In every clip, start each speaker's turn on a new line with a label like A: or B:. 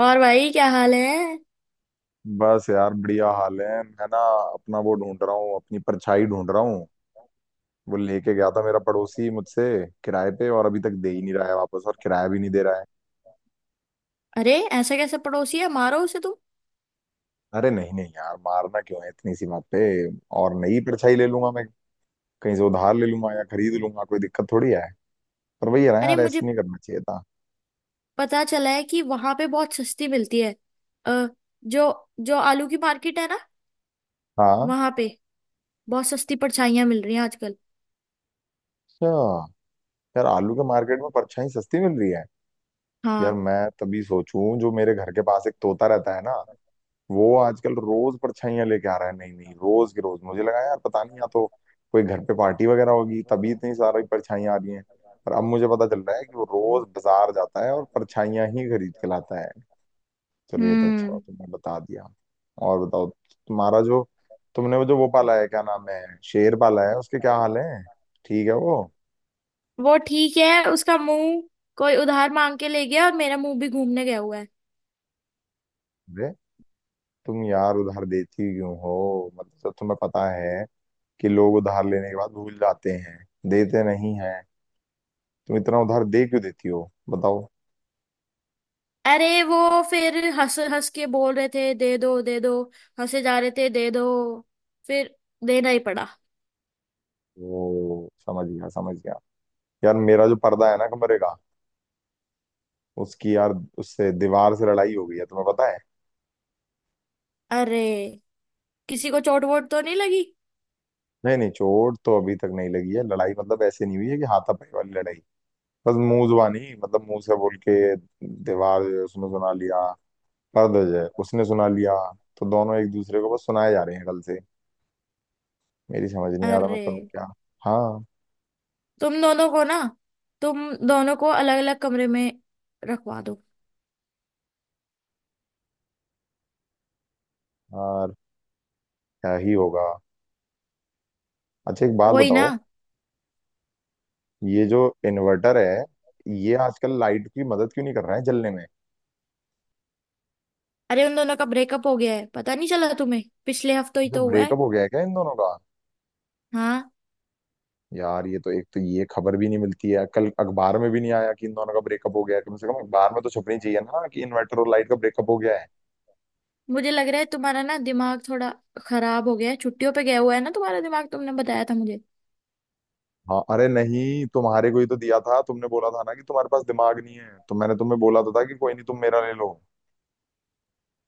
A: और भाई क्या हाल है।
B: बस यार बढ़िया हाल है। मैं ना अपना वो ढूंढ रहा हूँ, अपनी परछाई ढूंढ रहा हूँ। वो लेके गया था मेरा पड़ोसी मुझसे किराए पे, और अभी तक दे ही नहीं रहा है वापस, और किराया भी नहीं दे रहा है।
A: अरे, ऐसा कैसे पड़ोसी है। मारो उसे तुम।
B: अरे नहीं नहीं यार, मारना क्यों है इतनी सी बात पे। और नई परछाई ले लूंगा मैं, कहीं से उधार ले लूंगा या खरीद लूंगा, कोई दिक्कत थोड़ी है। पर वही है ना
A: अरे,
B: यार,
A: मुझे
B: ऐसे नहीं करना चाहिए था।
A: पता चला है कि वहां पे बहुत सस्ती मिलती है, अ, जो जो आलू की मार्केट है ना,
B: हाँ।
A: वहां पे बहुत सस्ती परछाइयां मिल रही हैं आजकल।
B: अच्छा, यार आलू के मार्केट में परछाई सस्ती मिल रही है। यार
A: हाँ।
B: मैं तभी सोचूं, जो मेरे घर के पास एक तोता रहता है ना, वो आजकल रोज परछाइयां लेके आ रहा है। नहीं नहीं, रोज के रोज मुझे लगा यार पता नहीं, या तो कोई घर पे पार्टी वगैरह होगी तभी इतनी सारी परछाइयां आ रही हैं। पर अब मुझे पता चल रहा है कि वो रोज बाजार जाता है और परछाइयां ही खरीद के लाता है। चलिए ये तो अच्छा हुआ
A: हम्म।
B: तुमने बता दिया। और बताओ, तुम्हारा जो तुमने वो जो वो पाला है, क्या नाम है, शेर पाला है, उसके क्या हाल है। ठीक है वो।
A: वो ठीक है। उसका मुंह कोई उधार मांग के ले गया, और मेरा मुंह भी घूमने गया हुआ है।
B: अरे तुम यार उधार देती क्यों हो। मतलब तुम्हें पता है कि लोग उधार लेने के बाद भूल जाते हैं, देते नहीं है। तुम इतना उधार दे क्यों देती हो बताओ।
A: अरे वो फिर हंस हंस के बोल रहे थे, दे दो दे दो। हंसे जा रहे थे, दे दो। फिर देना ही पड़ा।
B: वो समझ गया समझ गया। यार मेरा जो पर्दा है ना कमरे का, उसकी यार उससे दीवार से लड़ाई हो गई है, तुम्हें पता है।
A: अरे, किसी को चोट वोट तो नहीं लगी?
B: नहीं नहीं, चोट तो अभी तक नहीं लगी है। लड़ाई मतलब ऐसे नहीं हुई है कि हाथापाई वाली लड़ाई, बस मुंह जुबानी, मतलब मुंह से बोल के। दीवार जो है, उसने सुना लिया, पर्दा जो है उसने सुना लिया। तो दोनों एक दूसरे को बस सुनाए जा रहे हैं कल से। मेरी समझ नहीं आ रहा मैं
A: अरे,
B: करूँ क्या। हाँ।
A: तुम दोनों को ना तुम दोनों को अलग अलग कमरे में रखवा दो।
B: यार क्या ही होगा। अच्छा एक बात
A: वही ना।
B: बताओ, ये जो इन्वर्टर है, ये आजकल लाइट की मदद क्यों नहीं कर रहा है जलने में।
A: अरे, उन दोनों का ब्रेकअप हो गया है। पता नहीं चला तुम्हें? पिछले हफ्ते ही
B: जब
A: तो हुआ है।
B: ब्रेकअप हो गया है क्या इन दोनों का।
A: हाँ।
B: यार ये तो एक तो ये खबर भी नहीं मिलती है, कल अखबार में भी नहीं आया कि इन दोनों का ब्रेकअप हो गया है। कम से कम अखबार में तो छपनी चाहिए ना कि इन्वर्टर और लाइट का ब्रेकअप हो गया है।
A: मुझे लग रहा है तुम्हारा ना दिमाग थोड़ा खराब हो गया है। छुट्टियों पे गया हुआ है ना तुम्हारा दिमाग, तुमने बताया था मुझे।
B: हाँ अरे नहीं, तुम्हारे को ही तो दिया था, तुमने बोला था ना कि तुम्हारे पास दिमाग नहीं है, तो मैंने तुम्हें बोला तो था कि कोई नहीं, तुम मेरा ले लो।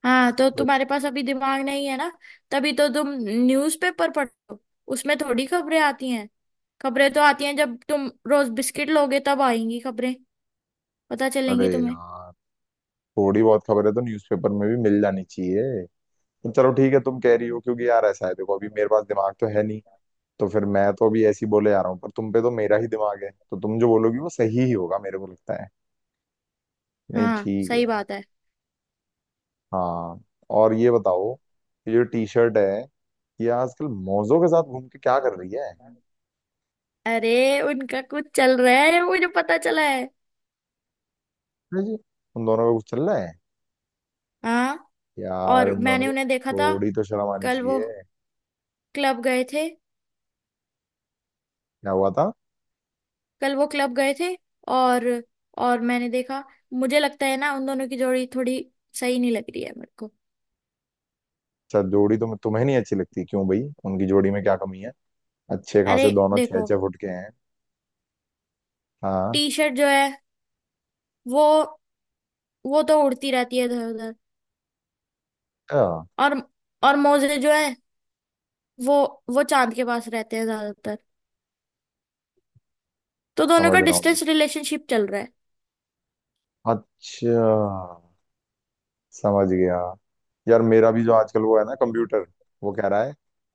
A: हाँ, तो
B: तो-
A: तुम्हारे पास अभी दिमाग नहीं है ना। तभी तो तुम न्यूज़पेपर पढ़ो। उसमें थोड़ी खबरें आती हैं। खबरें तो आती हैं जब तुम रोज बिस्किट लोगे, तब आएंगी खबरें। पता
B: अरे
A: चलेंगी तुम्हें।
B: यार थोड़ी बहुत खबर है तो न्यूज़पेपर में भी मिल जानी चाहिए। तो चलो ठीक है, तुम कह रही हो, क्योंकि यार ऐसा है देखो, अभी मेरे पास दिमाग तो है नहीं, तो फिर मैं तो अभी ऐसी बोले जा रहा हूँ, पर तुम पे तो मेरा ही दिमाग है, तो तुम जो बोलोगी वो सही ही होगा मेरे को लगता है। नहीं
A: हाँ,
B: ठीक है।
A: सही बात है।
B: हाँ। और ये बताओ कि जो टी शर्ट है, ये आजकल मौजों के साथ घूम के क्या कर रही है।
A: अरे, उनका कुछ चल रहा है। मुझे पता चला है।
B: अरे जी, उन दोनों का कुछ चल रहा है।
A: हाँ।
B: यार
A: और
B: इन दोनों
A: मैंने
B: को
A: उन्हें देखा था।
B: थोड़ी तो शर्म आनी
A: कल वो
B: चाहिए।
A: क्लब गए थे
B: क्या हुआ था।
A: कल वो क्लब गए थे, और और मैंने देखा, मुझे लगता है ना उन दोनों की जोड़ी थोड़ी सही नहीं लग रही है मेरे को।
B: अच्छा जोड़ी तो तुम्हें नहीं अच्छी लगती, क्यों भाई, उनकी जोड़ी में क्या कमी है। अच्छे
A: अरे,
B: खासे दोनों छह
A: देखो।
B: छह फुट के हैं। हाँ।
A: टी शर्ट जो है वो वो तो उड़ती रहती है इधर उधर।
B: अच्छा,
A: और और मोजे जो है वो वो चांद के पास रहते हैं ज्यादातर। तो दोनों
B: समझ
A: का
B: रहा हूँ मैं।
A: डिस्टेंस रिलेशनशिप चल रहा है।
B: अच्छा, समझ गया। यार मेरा भी जो आजकल वो है ना कंप्यूटर, वो कह रहा है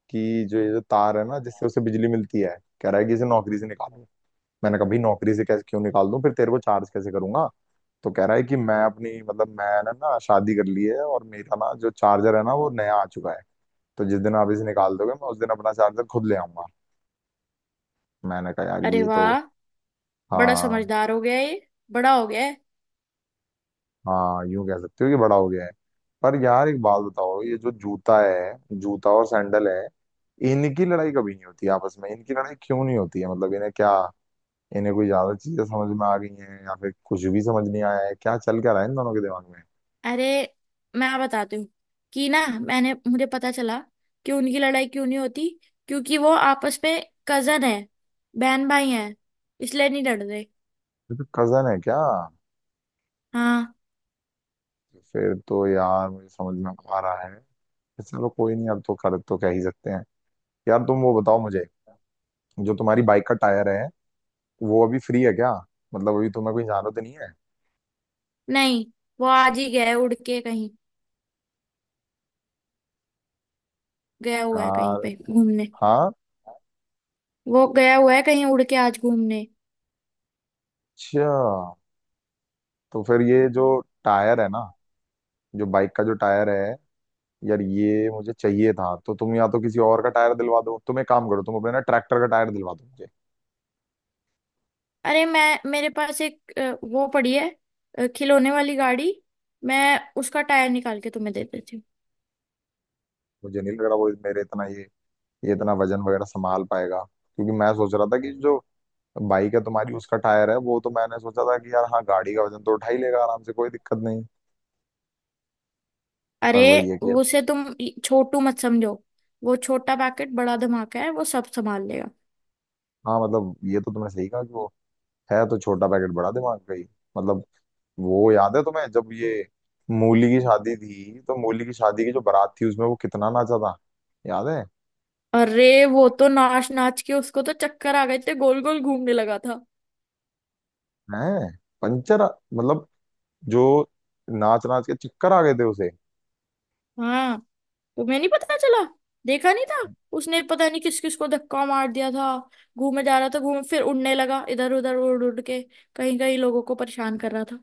B: कि जो ये जो तार है ना जिससे उसे बिजली मिलती है, कह रहा है कि इसे नौकरी से निकालो। मैंने कहा भाई नौकरी से कैसे, क्यों निकाल दूं, फिर तेरे को चार्ज कैसे करूंगा। तो कह रहा है कि मैं अपनी मतलब मैंने ना शादी कर ली है और मेरा ना जो चार्जर है ना वो नया आ चुका है। तो जिस दिन आप इसे निकाल दोगे, मैं उस दिन अपना चार्जर खुद ले आऊंगा। मैंने कहा यार
A: अरे
B: ये तो।
A: वाह, बड़ा
B: हाँ।
A: समझदार हो गया ये। बड़ा हो गया है।
B: हाँ यूं कह सकते हो कि बड़ा हो गया है। पर यार एक बात बताओ, ये जो जूता है, जूता और सैंडल है, इनकी लड़ाई कभी नहीं होती आपस में, इनकी लड़ाई क्यों नहीं होती है। मतलब इन्हें क्या, इन्हें कोई ज्यादा चीजें समझ में आ गई हैं या फिर कुछ भी समझ नहीं आया है, क्या चल क्या रहा है इन दोनों के दिमाग में।
A: अरे, मैं बताती हूँ कि ना, मैंने मुझे पता चला कि उनकी लड़ाई क्यों नहीं होती। क्योंकि वो आपस में कजन है, बहन भाई हैं, इसलिए नहीं लड़ रहे।
B: ये तो कजन है क्या।
A: हाँ,
B: फिर तो यार मुझे समझ में आ रहा है। फिर चलो कोई नहीं, अब तो कर तो कह ही सकते हैं। यार तुम वो बताओ मुझे, जो तुम्हारी बाइक का टायर है वो अभी फ्री है क्या, मतलब अभी तुम्हें कोई जरूरत नहीं है।
A: नहीं, वो आज ही गया है उड़ के कहीं। गया हुआ है कहीं
B: यार।
A: पे घूमने।
B: हाँ।
A: वो गया हुआ है कहीं उड़ के आज घूमने।
B: अच्छा तो फिर ये जो टायर है ना, जो बाइक का जो टायर है, यार ये मुझे चाहिए था। तो तुम या तो किसी और का टायर दिलवा दो, तुम एक काम करो, तुम अपने ना ट्रैक्टर का टायर दिलवा दो मुझे।
A: अरे, मैं मेरे पास एक वो पड़ी है, खिलौने वाली गाड़ी। मैं उसका टायर निकाल के तुम्हें दे देती हूँ।
B: मुझे नहीं लग रहा वो मेरे इतना ये इतना वजन वगैरह संभाल पाएगा, क्योंकि मैं सोच रहा था कि जो बाइक है तुम्हारी उसका टायर है, वो तो मैंने सोचा था कि यार हाँ गाड़ी का वजन तो उठा ही लेगा आराम से, कोई दिक्कत नहीं। पर
A: अरे,
B: वही है कि।
A: उसे तुम छोटू मत समझो। वो छोटा पैकेट बड़ा धमाका है, वो सब संभाल लेगा।
B: हाँ मतलब ये तो तुमने सही कहा कि वो है तो छोटा पैकेट बड़ा दिमाग का ही। मतलब वो याद है तुम्हें, जब ये मूली की शादी थी, तो मूली की शादी की जो बारात थी उसमें वो कितना नाचा था, याद है।
A: अरे, वो तो नाच नाच के उसको तो चक्कर आ गए थे। गोल गोल घूमने लगा था।
B: हैं, पंचर, मतलब जो नाच नाच के चक्कर आ गए थे उसे।
A: हाँ, तुम्हें नहीं पता चला? देखा नहीं था? उसने पता नहीं किस किस को धक्का मार दिया था। घूमे जा रहा था, घूम, फिर उड़ने लगा इधर उधर, उड़ उड़ के कहीं कहीं लोगों को परेशान कर रहा था।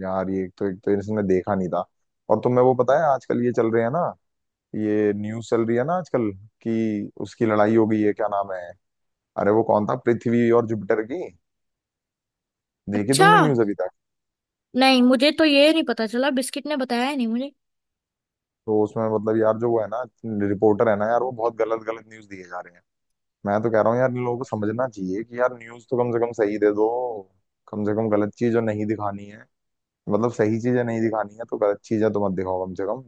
B: यार ये तो एक तो इसने देखा नहीं था। और तुम्हें वो पता है आजकल ये चल रहे हैं ना, ये न्यूज चल रही है ना आजकल कि उसकी लड़ाई हो गई है, क्या नाम है, अरे वो कौन था, पृथ्वी और जुपिटर की, देखी
A: अच्छा,
B: तुमने न्यूज अभी तक।
A: नहीं, मुझे तो ये नहीं पता चला। बिस्किट ने बताया ही नहीं।
B: तो उसमें मतलब यार जो वो है ना रिपोर्टर है ना यार, वो बहुत गलत गलत न्यूज दिए जा रहे हैं। मैं तो कह रहा हूँ यार इन लोगों को समझना चाहिए कि यार न्यूज़ तो कम से कम सही दे दो। कम से कम गलत चीज़ जो नहीं दिखानी है, मतलब सही चीजें नहीं दिखानी है तो गलत चीजें तो मत दिखाओ कम से कम।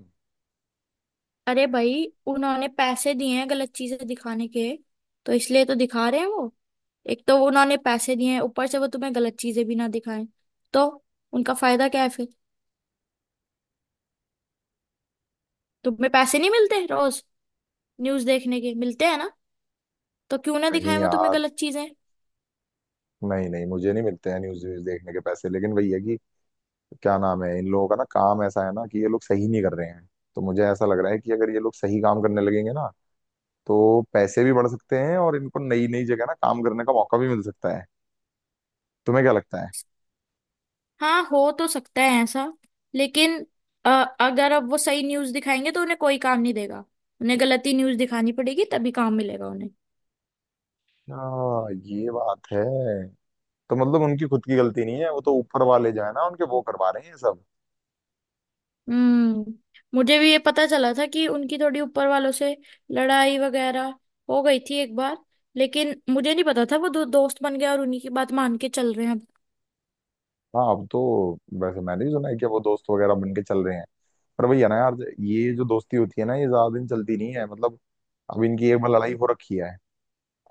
A: अरे भाई, उन्होंने पैसे दिए हैं गलत चीजें दिखाने के, तो इसलिए तो दिखा रहे हैं वो। एक तो उन्होंने पैसे दिए हैं, ऊपर से वो तुम्हें गलत चीजें भी ना दिखाएं, तो उनका फायदा क्या है फिर? तुम्हें पैसे नहीं मिलते रोज न्यूज देखने के, मिलते हैं ना? तो क्यों ना
B: नहीं
A: दिखाएं वो तुम्हें
B: यार,
A: गलत चीजें।
B: नहीं नहीं, मुझे नहीं मिलते हैं न्यूज़ व्यूज देखने के पैसे, लेकिन वही है कि क्या नाम है इन लोगों का ना, काम ऐसा है ना कि ये लोग सही नहीं कर रहे हैं। तो मुझे ऐसा लग रहा है कि अगर ये लोग सही काम करने लगेंगे ना, तो पैसे भी बढ़ सकते हैं और इनको नई नई जगह ना काम करने का मौका भी मिल सकता है। तुम्हें क्या लगता है।
A: हाँ, हो तो सकता है ऐसा, लेकिन अ, अगर अब वो सही न्यूज दिखाएंगे तो उन्हें कोई काम नहीं देगा। उन्हें गलत ही न्यूज दिखानी पड़ेगी, तभी काम मिलेगा उन्हें।
B: हाँ ये बात है। तो मतलब उनकी खुद की गलती नहीं है, वो तो ऊपर वाले जो है ना उनके, वो करवा रहे हैं ये सब।
A: हम्म। मुझे भी ये पता चला था कि उनकी थोड़ी ऊपर वालों से लड़ाई वगैरह हो गई थी एक बार। लेकिन मुझे नहीं पता था वो दो दोस्त बन गए और उन्हीं की बात मान के चल रहे हैं अब।
B: हाँ अब तो वैसे मैंने भी सुना है कि अब वो दोस्त वगैरह बन के चल रहे हैं। पर भैया ना यार, ये जो दोस्ती होती है ना, ये ज्यादा दिन चलती नहीं है। मतलब अब इनकी एक बार लड़ाई हो रखी है।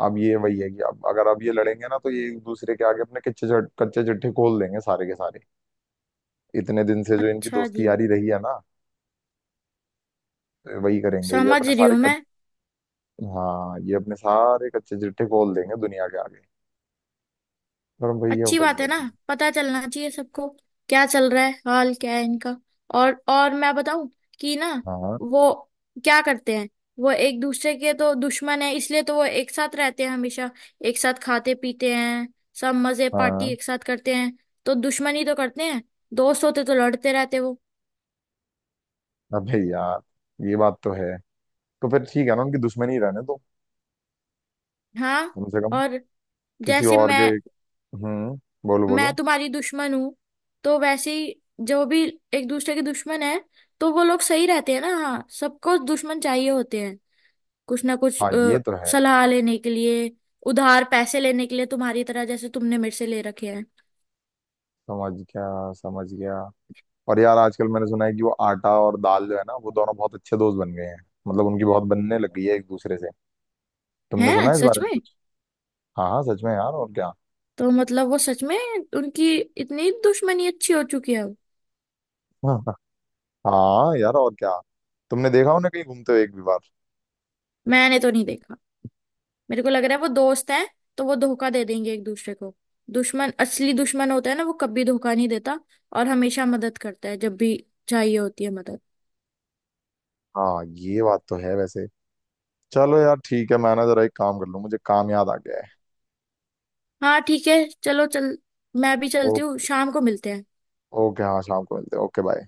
B: अब ये वही है कि अब अगर अब ये लड़ेंगे ना, तो ये एक दूसरे के आगे अपने कच्चे चिट्ठे खोल देंगे सारे के सारे, इतने दिन से जो इनकी
A: अच्छा जी।
B: दोस्ती यारी रही है ना। तो वही करेंगे ये
A: समझ
B: अपने
A: रही
B: सारे
A: हूँ
B: कच...
A: मैं।
B: हाँ ये अपने सारे कच्चे चिट्ठे खोल देंगे दुनिया के आगे। पर भैया
A: अच्छी
B: वही
A: बात है
B: है
A: ना,
B: कि।
A: पता चलना चाहिए सबको क्या चल रहा है, हाल क्या है इनका। और मैं बताऊं कि ना,
B: हाँ।
A: वो क्या करते हैं, वो एक दूसरे के तो दुश्मन है, इसलिए तो वो एक साथ रहते हैं हमेशा। एक साथ खाते पीते हैं, सब मजे पार्टी
B: हाँ।
A: एक साथ करते हैं। तो दुश्मनी तो करते हैं, दोस्त होते तो लड़ते रहते वो।
B: अबे यार ये बात तो है। तो फिर ठीक है ना, उनकी दुश्मनी रहने दो
A: हाँ।
B: कम से कम
A: और
B: किसी
A: जैसे
B: और
A: मैं
B: के। हम्म, बोलो
A: मैं
B: बोलो।
A: तुम्हारी दुश्मन हूँ, तो वैसे ही जो भी एक दूसरे के दुश्मन है तो वो लोग सही रहते हैं ना। हाँ, सबको दुश्मन चाहिए होते हैं कुछ ना कुछ,
B: हाँ ये तो है।
A: सलाह लेने के लिए, उधार पैसे लेने के लिए, तुम्हारी तरह, जैसे तुमने मेरे से ले रखे हैं।
B: समझ गया समझ गया। और यार आजकल मैंने सुना है कि वो आटा और दाल जो है ना, वो दोनों बहुत अच्छे दोस्त बन गए हैं। मतलब उनकी बहुत बनने लग गई है एक दूसरे से। तुमने सुना
A: हैं?
B: है इस
A: सच
B: बारे में
A: में?
B: कुछ। हाँ हाँ सच में यार, और क्या।
A: तो मतलब वो सच में, उनकी इतनी दुश्मनी अच्छी हो चुकी है अब।
B: हाँ यार और क्या। तुमने देखा उन्हें कहीं घूमते हुए एक भी बार।
A: मैंने तो नहीं देखा। मेरे को लग रहा है वो दोस्त हैं, तो वो धोखा दे देंगे एक दूसरे को। दुश्मन, असली दुश्मन होता है ना, वो कभी धोखा नहीं देता, और हमेशा मदद करता है जब भी चाहिए होती है मदद।
B: हाँ ये बात तो है वैसे। चलो यार ठीक है, मैं ना जरा एक काम कर लूँ, मुझे काम याद आ गया
A: हाँ ठीक है, चलो चल। मैं भी चलती हूँ,
B: है।
A: शाम को मिलते हैं।
B: ओके हाँ, शाम को मिलते हैं। Okay bye.